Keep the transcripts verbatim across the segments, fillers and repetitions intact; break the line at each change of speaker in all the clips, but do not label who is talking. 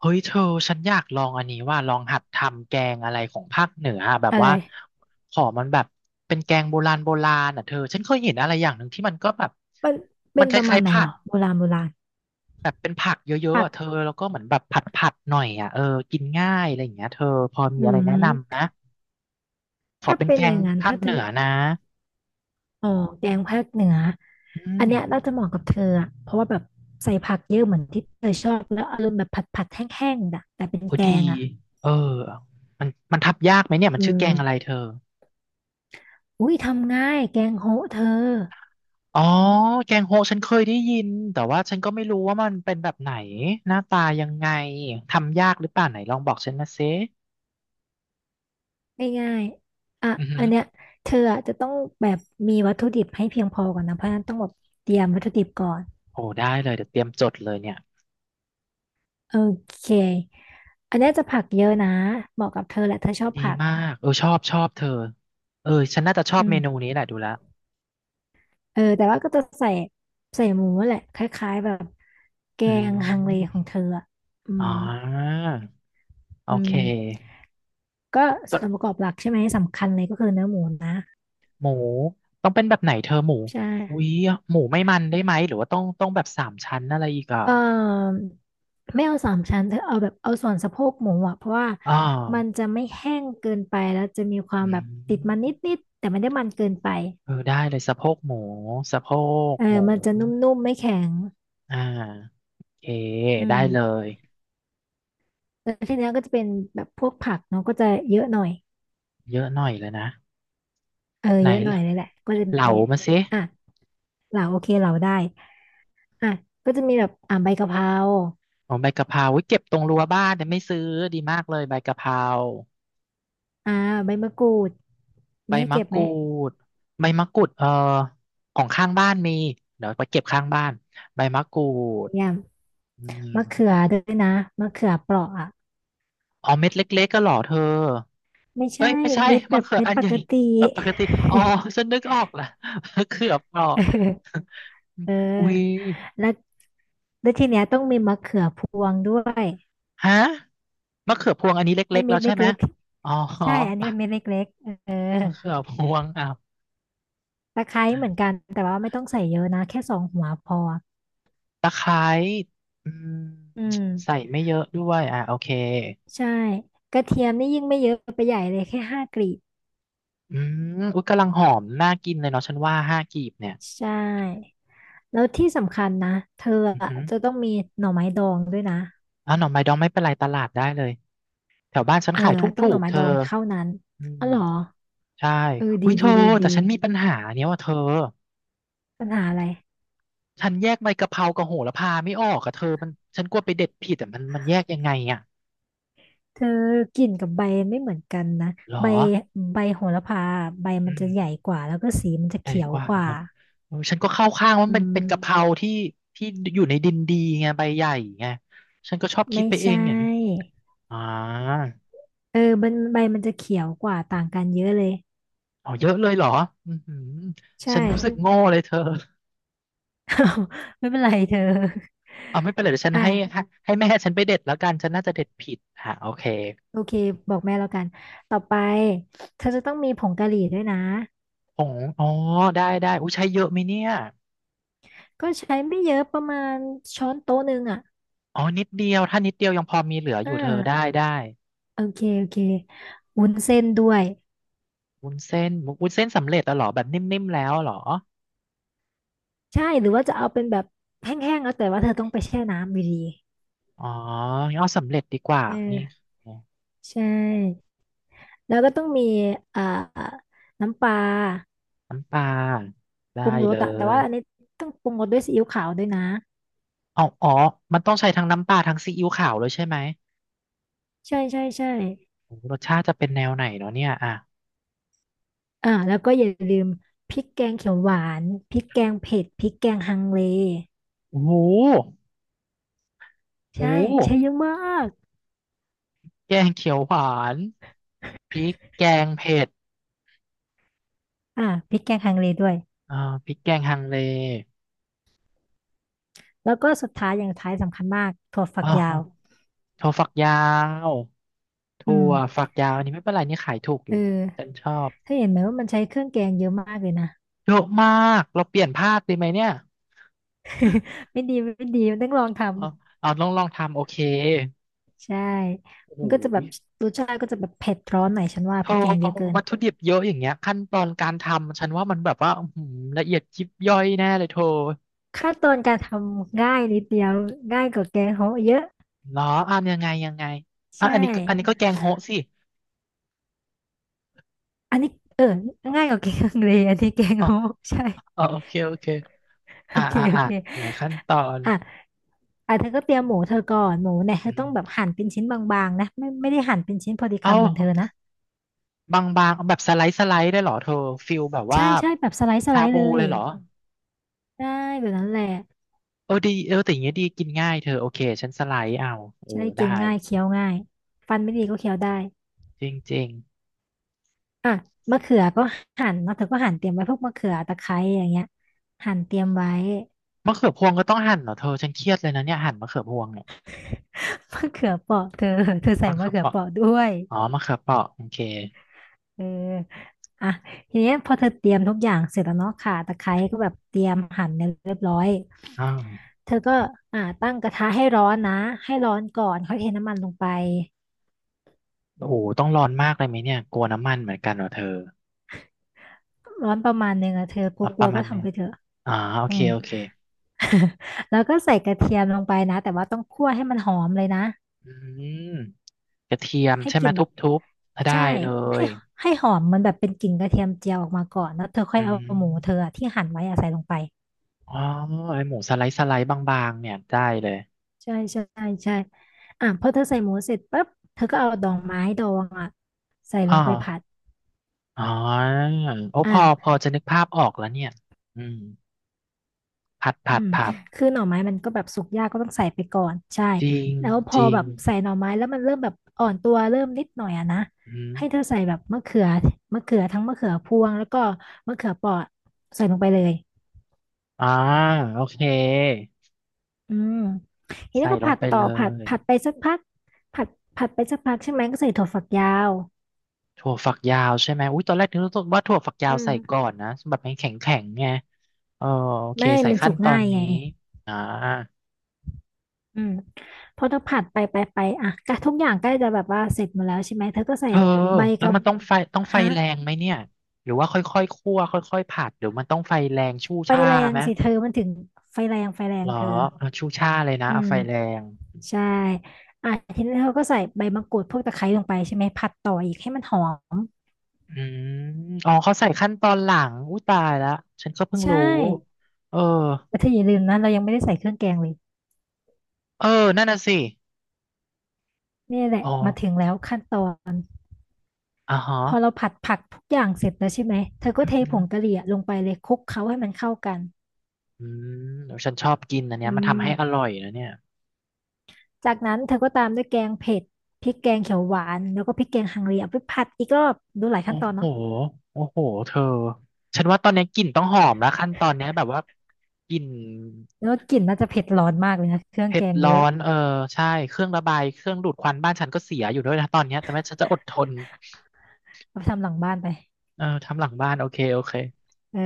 เฮ้ยเธอฉันอยากลองอันนี้ว่าลองหัดทำแกงอะไรของภาคเหนืออะแบบ
อะไร
ว่าขอมันแบบเป็นแกงโบราณโบราณอ่ะเธอฉันเคยเห็นอะไรอย่างหนึ่งที่มันก็แบบ
มัน
มั
เป็
น
น
ค
ประมา
ล้า
ณ
ยๆ
ไหน
ผั
หร
ก
อโบราณโบราณ
แบบเป็นผักเยอะๆ
ผัก
อ่ะเธอแล้วก็เหมือนแบบผัดๆหน่อยอ่ะเออกินง่ายอะไรอย่างเงี้ยเธอพอมี
อื
อะไรแนะนำ
ม
นะขอ
ถ้า
เป็น
เป็น
แก
อ
ง
ย่างนั้น
ภา
ถ้า
ค
เธ
เห
อ
นือนะ
อ๋อแกงภาคเหนือ
อื
อัน
ม
เนี้ยน่าจะเหมาะกับเธออะเพราะว่าแบบใส่ผักเยอะเหมือนที่เธอชอบแล้วอารมณ์แบบผัดผัดแห้งๆน่ะแต่เป็น
โอ้
แก
ดี
งอ่ะ
เออมันมันทบยากไหมเนี่ยมั
เอ
น
อ
ชื่อแกงอะไรเธอ
อุ้ยทำง่ายแกงโฮะเธอ
อ๋อแกงโฮะฉันเคยได้ยินแต่ว่าฉันก็ไม่รู้ว่ามันเป็นแบบไหนหน้าตายังไงทำยากหรือเปล่าไหนลองบอกฉันมาซิ
ง่ายๆอ่ะ
อือหื
อั
อ
นเนี้ยเธออะจะต้องแบบมีวัตถุดิบให้เพียงพอก่อนนะเพราะฉะนั้นต้องแบบเตรียมวัตถุดิบก่อน
โอ้ได้เลยเดี๋ยวเตรียมจดเลยเนี่ย
โอเคอันเนี้ยจะผักเยอะนะเหมาะกับเธอแหละเธอชอบ
ดี
ผัก
มากเออชอบชอบเธอเออฉันน่าจะชอ
อื
บเมนู
ม
นี้แหละดูแล้ว
เออแต่ว่าก็จะใส่ใส่หมูแหละคล้ายๆแบบแก
อื
งฮังเล
ม
ของเธออะอื
อ๋
ม
อโอ
อื
เค
มก็
จ
ส่วนประก
ด
อบหลักใช่ไหมสำคัญเลยก็คือเนื้อหมูนะ
หมูต้องเป็นแบบไหนเธอหมู
ใช่
อุ้ยหมูไม่มันได้ไหมหรือว่าต้องต้องแบบสามชั้นอะไรอีกอ่ะ
เอ่อไม่เอาสามชั้นเธอเอาแบบเอาส่วนสะโพกหมูอ่ะเพราะว่า
อ๋อ
มันจะไม่แห้งเกินไปแล้วจะมีความ
อื
แบบติดมันน
ม
ิดๆแต่ไม่ได้มันเกินไป
เออได้เลยสะโพกหมูสะโพก
เอ
ห
อ
มู
มันจะนุ่มๆไม่แข็ง
อ่าโอเค
อื
ได้
ม
เลย
แล้วทีเนี้ยก็จะเป็นแบบพวกผักเนาะก็จะเยอะหน่อย
เยอะหน่อยเลยนะ
เออ
ไหน
เยอะหน่อย
ล่ะ
เลยแหละก็จะ
เหลา
มี
มาสิ
อ่ะ เหลาโอเคเหลาได้อ่ะก็จะมีแบบอ่าใบกะเพรา
อ๋อใบกะเพราอุ๊ยเก็บตรงรั้วบ้านแต่ไม่ซื้อดีมากเลยใบกะเพรา
อ่าใบมะกรูด
ใบ
มีให้
มะ
เก็บ
ก
ไหม
รูดใบมะกรูดเออของข้างบ้านมีเดี๋ยวไปเก็บข้างบ้านใบมะกรูด
เนี่ย
อืม
มะเขือด้วยนะมะเขือเปราะอ่ะ
อ๋อเม็ดเล็กๆก็เหรอเธอ
ไม่
เอ้ย
ใช่
ไม่ใช่
เม็ดแบ
มะ
บ
เขือ
เม็ด
อัน
ป
ใหญ่
กติ
ปกติอ๋อฉันนึกออกละ มะเขือเปราะ
เออเอ
อุ้ย
อแล้วแล้วทีเนี้ยต้องมีมะเขือพวงด้วย
ฮะมะเขือพวงอันนี้
ไอ้
เล็กๆ
เม็
แล้ว
ดเ
ใช่ไหม
ล็ก
อ๋อ
ๆใช่อันนี้เป็นเม็ดเล็กๆเออ
มะเขือพวงอ้าว
ตะไคร้เหมือนกันแต่ว่าไม่ต้องใส่เยอะนะแค่สองหัวพอ
ตะไคร้อืม
อืม
ใส่ไม่เยอะด้วยอ่ะโอเค
ใช่กระเทียมนี่ยิ่งไม่เยอะไปใหญ่เลยแค่ห้ากลีบ
อืมอุ๊ยกำลังหอมน่ากินเลยเนาะฉันว่าห้ากีบเนี่ย
ใช่แล้วที่สำคัญนะเธอ
อือ
อะ
หือ
จะต้องมีหน่อไม้ดองด้วยนะ
อ้าวหน่อไม้ดองไม่เป็นไรตลาดได้เลยแถวบ้านฉัน
เออ
ขายถ
ต้อง
ู
หน่อ
กๆ
ไม้
เธ
ด
อ
องเท่านั้น
อื
อ๋
ม
อเหรอ
ใช่
เออ
อุ้
ดี
ยเธ
ดี
อ
ดี
แต่
ดี
ฉันมีปัญหาเนี้ยว่าเธอ
ปัญหาอะไร
ฉันแยกใบกะเพรากับโหระพาไม่ออกอะเธอมันฉันกลัวไปเด็ดผิดแต่มันมันแยกยังไงอะ
เธอกลิ่นกับใบไม่เหมือนกันนะ
หรอ
ใบใบโหระพาใบมั
อื
น
ม
จะใหญ่กว่าแล้วก็สีมันจะ
ใหญ่
เขียว
กว่า
กว่า
ครับเออฉันก็เข้าข้างว่า
อื
มันเป็นเป็นกะเพ
ม
ราที่ที่อยู่ในดินดีไงใบใหญ่ไงฉันก็ชอบคิด
ไม่
ไปเอง
ใช่
อย่างนี้อ่า
เออมันใบมันจะเขียวกว่าต่างกันเยอะเลย
อ๋อเยอะเลยเหรออือหือฉั
ใช่
นรู้สึกโง่เลยเธอ
ไม่เป็นไรเธอ
เอาไม่เป็นไรเดี๋ยวฉันให้
อ่ะ
ให้ให้แม่ฉันไปเด็ดแล้วกันฉันน่าจะเด็ดผิดฮะโอเค
โอเค บอกแม่แล้วกัน ต่อไปเธอจะต้องมีผงกะหรี่ด้วยนะ
ผงอ๋อได้ได้อุ้ยใช้เยอะไหมเนี่ย
ก็ใช้ไม่เยอะประมาณช้อนโต๊ะหนึ่งอ่ะ
อ๋อนิดเดียวถ้านิดเดียวยังพอมีเหลือ
อ
อยู่เธอ
่า
ได้ได้
โอเคโอเควุ้นเส้นด้วย
วุ้นเส้นวุ้นเส้นสำเร็จแล้วเหรอแบบนิ่มๆแล้วเหรอ
ใช่หรือว่าจะเอาเป็นแบบแห้งๆแล้วแต่ว่าเธอต้องไปแช่น้ำอยู่ดี
อ๋องั้นเอาสำเร็จดีกว่า
เ
นี่
ออใช่แล้วก็ต้องมีอ่าน้ำปลา
น้ำปลาได้
ปรุงร
เล
สอะแต่
ย
ว่าอันนี้ต้องปรุงรสด้วยซีอิ๊วขาวด้วยนะ
อ๋ออ๋อมันต้องใช้ทั้งน้ำปลาทั้งซีอิ๊วขาวเลยใช่ไหม
ใช่ใช่ใช่
โอ้โหรสชาติจะเป็นแนวไหนเนาะเนี่ยอ่ะ
อ่าแล้วก็อย่าลืมพริกแกงเขียวหวานพริกแกงเผ็ดพริกแกงฮังเล
โอ้โหโอ้
ใช่
โห
ใช้เยอะมาก
แกงเขียวหวานพริกแกงเผ็ด
อ่าพริกแกงฮังเลด้วย
อ่าพริกแกงฮังเล
แล้วก็สุดท้ายอย่างสุดท้ายสำคัญมากถั่วฝั
อ๋
กยาว
อถั่วฝักยาว
อื
ถั่
ม
วฝักยาวอันนี้ไม่เป็นไรนี่ขายถูกอ
เอ
ยู่ฉัน
อ
ชอบ
เธอเห็นไหมว่ามันใช้เครื่องแกงเยอะมากเลยนะ
เยอะมากเราเปลี่ยนภาพดีไหมเนี่ย
ไม่ดีไม่ดีมันต้องลองท
เอาเอาลองลองทำโอเค
ำใช่
โอ้โ
มันก็จะแบ
ห
บรสชาติก็จะแบบเผ็ดร้อนหน่อยฉันว่า
เธ
พ
อ
ริกแกงเยอะเกิน
วัตถุดิบเยอะอย่างเงี้ยขั้นตอนการทำฉันว่ามันแบบว่าอื้อหือละเอียดยิบย่อยแน่เลยเธอ
ขั้นตอนการทำง่ายนิดเดียวง่ายกว่าแกงโฮะเยอะ
เหรออ่ะยังไงยังไงอ่ะ
ใช่
อันนี้ก็อันนี้ก็แกงโฮะสิ
อันนี้เออง่ายกว่าแกงฮังเลอันนี้แกง
อ๋อ
โฮะ ใช่
อ๋อโอเคโอเค
โอ
อ่า
เค
อ่า
โอ
อ่า
เค
ไหนขั้นตอน
อ่ะ อ่ะเธอก็เตรียมหมูเธอก่อนหมูเนี่ยเธ
อื
อ
ม
ต้องแบบหั่นเป็นชิ้นบางๆนะไม่ไม่ได้หั่นเป็นชิ้นพอดี
เอ
คำเหมือนเธอนะ
าบางๆเอาแบบสไลด์สไลด์ได้เหรอเธอฟิลแบบว่า
ใช่ใช่แบบสไลด์สไล
ชา
ด์
บู
เลย
เลยเหรอ
ได้แบบนั้นแหละ
เออดีเออแต่อย่างเงี้ยดีกินง่ายเธอโอเคฉันสไลด์เอาเออ
จะได้
ได้
กินง่ายเคี้ยวง่ายฟันไม่ดีก็เคี้ยวได้
จริง
อ่ะมะเขือก็หั่นเนาะเธอก็หั่นเตรียมไว้พวกมะเขือตะไคร้อย่างเงี้ยหั่นเตรียมไว้
ๆมะเขือพวงก็ต้องหั่นเหรอเธอฉันเครียดเลยนะเนี่ยหั่นมะเขือพวงเนี่ย
มะเขือเปราะเธอเธอใส่
มะเขื
มะ
อ
เขื
เป
อ
ราะ
เปราะด้วย
อ๋อมะเขือเปราะโอเค
เอออ่ะทีเนี้ยพอเธอเตรียมทุกอย่างเสร็จแล้วเนาะข่าตะไคร้ก็แบบเตรียมหั่นเนี่ยเรียบร้อย
อ้าว
เธอก็อ่าตั้งกระทะให้ร้อนนะให้ร้อนก่อนค่อยเทน้ำมันลงไป
โอ้โหต้องร้อนมากเลยไหมเนี่ยกลัวน้ำมันเหมือนกันเหรอเธอ
ร้อนประมาณหนึ่งอะเธอก
เอาป
ลัว
ระ
ๆ
มา
ก็
ณนี้
ทำไปเถอะ
อ๋อโอ
อื
เค
ม
โอเค
แล้วก็ใส่กระเทียมลงไปนะ แต่ว่าต้องคั่วให้มันหอมเลยนะ
อืมกระเทียม
ให้
ใช่
ก
ไหม
ลิ่น
ท
แบบ
ุบๆถ้าได้
ใช่
เล
ให้
ย
ให้หอมมันแบบเป็นกลิ่นกระเทียมเจียวออกมาก่อนแล้วเธอค่อ
อื
ยเอา
ม
หมูเธออะที่หั่นไว้อะใส่ลงไป
อ๋อไอหมูสไลด์สไลด์บางๆเนี่ยได้เลย
ใช่ใช่ใช่ อ่ะพอเธอใส่หมูเสร็จปั๊บเธอก็เอาดองไม้ดองอ่ะใส่ล
อ๋อ
งไปผัด
อ๋อโอ้พอพ
อ่ะ
อจะนึกภาพออกแล้วเนี่ยอืมผัดผั
อื
ด
ม
ผัด
คือหน่อไม้มันก็แบบสุกยากก็ต้องใส่ไปก่อนใช่
จริง
แล้วพ
จ
อ
ริง
แบบใส่หน่อไม้แล้วมันเริ่มแบบอ่อนตัวเริ่มนิดหน่อยอะนะ
อืม
ให้เธอใส่แบบมะเขือมะเขือทั้งมะเขือพวงแล้วก็มะเขือเปราะใส่ลงไปเลย
อ่าโอเค
อืมที
ใส่
นี้ก็
ลง
ผัด
ไป
ต่อ
เล
ผัด
ย
ผัดไปสักพักผัดผัดไปสักพักใช่ไหมก็ใส่ถั่วฝักยาว
ถั่วฝักยาวใช่ไหมอุ้ยตอนแรกนึกว่าถั่วฝักยา
อื
ว
ม
ใส่ก่อนนะแบบมันแข็งแข็งไงเออโอเค
ไม่
ใส่
มัน
ขั้
สุ
น
ก
ตอ
ง่า
น
ยไง
นี้อ่า
อืมพอเธอผัดไปไปไปอ่ะก็ทุกอย่างใกล้จะแบบว่าเสร็จหมดแล้วใช่ไหมเธอก็ใส่
เธอ
ใบ
แล้ว
กับ
มันต้องไฟต้องไฟ
ฮะ
แรงไหมเนี่ยหรือว่าค่อยๆคั่วค่อยๆผัดหรือมันต้องไฟแรงชู่
ไฟ
ช่า
แรง
ไหม
สิเธอมันถึงไฟแรงไฟแร
เห
ง
รอ
เธอ
เอาชู่ช่าเลยนะ
อื
เอา
ม
ไฟแรง
ใช่อ่ะทีนี้เธอก็ใส่ใบมะกรูดพวกตะไคร้ลงไปใช่ไหมผัดต่ออีกให้มันหอม
อืมอ๋อเขาใส่ขั้นตอนหลังอุ้ยตายแล้วฉันก็เพิ่ง
ใช่
รู้เออ
แต่เธออย่าลืมนะเรายังไม่ได้ใส่เครื่องแกงเลย
เออนั่นน่ะสิ
นี่แหละ
อ๋อ
มาถึงแล้วขั้นตอน
อ่าฮะ
พอเราผัดผักทุกอย่างเสร็จแล้วใช่ไหมเธอก็
อืม
เท
อื
ผ
อ
งกะหรี่อะลงไปเลยคลุกเคล้าให้มันเข้ากัน
อืมเดี๋ยวฉันชอบกินอันเนี้
อื
ยมันทำให้อ
ม
ร่อยนะเนี่ย
จากนั้นเธอก็ตามด้วยแกงเผ็ดพริกแกงเขียวหวานแล้วก็พริกแกงฮังเลเอาไปผัดอีกรอบดูหลาย
โอ้
ขั้นตอน
โห
เนาะ
โอ้โหเธอฉันว่าตอนนี้กลิ่นต้องหอมแล้วขั้นตอนเนี้ยแบบว่ากลิ่น
แล้วก็กลิ่นน่าจะเผ็ดร้อนมากเลยนะเครื่อง
เผ็
แก
ด
ง
ร้
เย
อ
อะ
นเออใช่เครื่องระบายเครื่องดูดควันบ้านฉันก็เสียอยู่ด้วยนะตอนเนี้ยแต่แม่ฉันจะอดทน
เอาไปทำหลังบ้านไป
เออทำหลังบ้านโอเคโอเค
เออ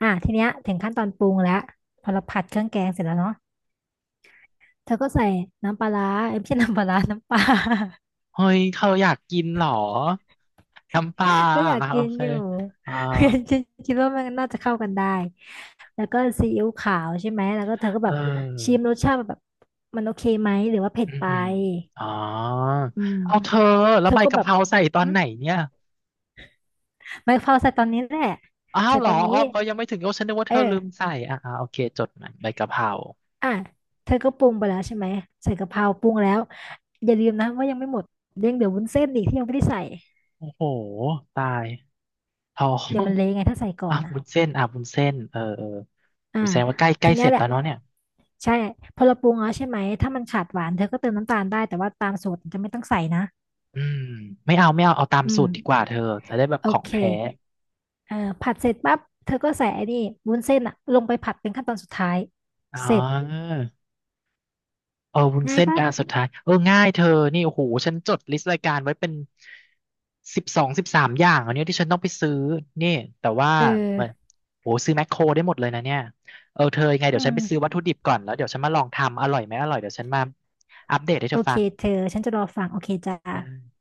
อ่ะทีเนี้ยถึงขั้นตอนปรุงแล้วพอเราผัดเครื่องแกงเสร็จแล้วเนาะเธอก็ใส่น้ำปลาร้าเอ้ยไม่ใช่น้ำปลาร้า น้ำปลา
เฮ้ยเธออยากกินเหรอน้ำปลา
ก็อยาก
อ่ะโอ
กิน
เค
อยู่
อ่า
ฉันคิดว่ามันน่าจะเข้ากันได้แล้วก็ซีอิ๊วขาวใช่ไหมแล้วก็เธอก็
เ
แบบชิม
ออ
รสชาติแบบมันโอเคไหมหรือว่าเผ็ด
อืม
ไป
อืมอ๋อ
อืม
เอาเธอแล้
เธ
ว
อ
ใบ
ก็
กะ
แบ
เพ
บ
ราใส่ตอน
หึ
ไหนเนี่ย
ไมาเฝ้าใส่ตอนนี้แหละ
อ้าว
ใส่
เหร
ต
อ
อน
อ๋อ
นี้
เขายังไม่ถึงโอ้ฉันนึกว่า
เอ
เธ
อ
อลืมใส่ออ่าโอเคจดหมายใบกะเพรา
อ่ะเธอก็ปรุงไปแล้วใช่ไหมใส่กะเพราปรุงแล้วอย่าลืมนะว่ายังไม่หมดเรื่องเดี๋ยววุ้นเส้นอีกที่ยังไม่ได้ใส่
โหตาย ท้อง
เดี๋ยวมันเละไงถ้าใส่ก่อ
อ่ะ
นอ่ะ
วุ้นเส้นอ่ะวุ้นเส้นเออเออ
อ่า
วุ้นเส้นว่าใกล้ใกล้
ที
เส
เนี้ย
ร็จ
แห
แล้
ละ
วเนาะเนี่ย
ใช่พอเราปรุงแล้วใช่ไหมถ้ามันขาดหวานเธอก็เติมน้ำตาลได้แต่ว่าตามสูตรจะไม่ต้องใส่นะ
อืมไม่เอาไม่เอาเอาตาม
อื
สู
ม
ตรดีกว่าเธอจะได้แบบ
โอ
ของ
เค
แท้
เอ่อผัดเสร็จปั๊บเธอก็ใส่ไอ้นี่วุ้นเส้นอ่ะลงไปผัดเป็นขั้นตอนสุดท้าย
อ๋อ
เสร็จ
เออวุ้น
ง่าย
เส้น
ปะ
เป็นอันสุดท้ายเออง่ายเธอนี่โอ้โหฉันจดลิสต์รายการไว้เป็นสิบสองสิบสามอย่างอันเนี้ยที่ฉันต้องไปซื้อนี่แต่ว่า
เออ
เหมือนโอ้โหซื้อแมคโครได้หมดเลยนะเนี่ยเออเธอยังไงเดี๋
อื
ยวฉัน
ม
ไปซื้อวัตถุดิบก่อนแล้วเดี๋ยวฉันมาลองทำอร่อยไหมอร่อยเดี๋ยวฉันมาอัปเดตให้เธ
โอ
อ
เค
ฟัง
เธอฉันจะรอฟังโอเคจ้า
ได้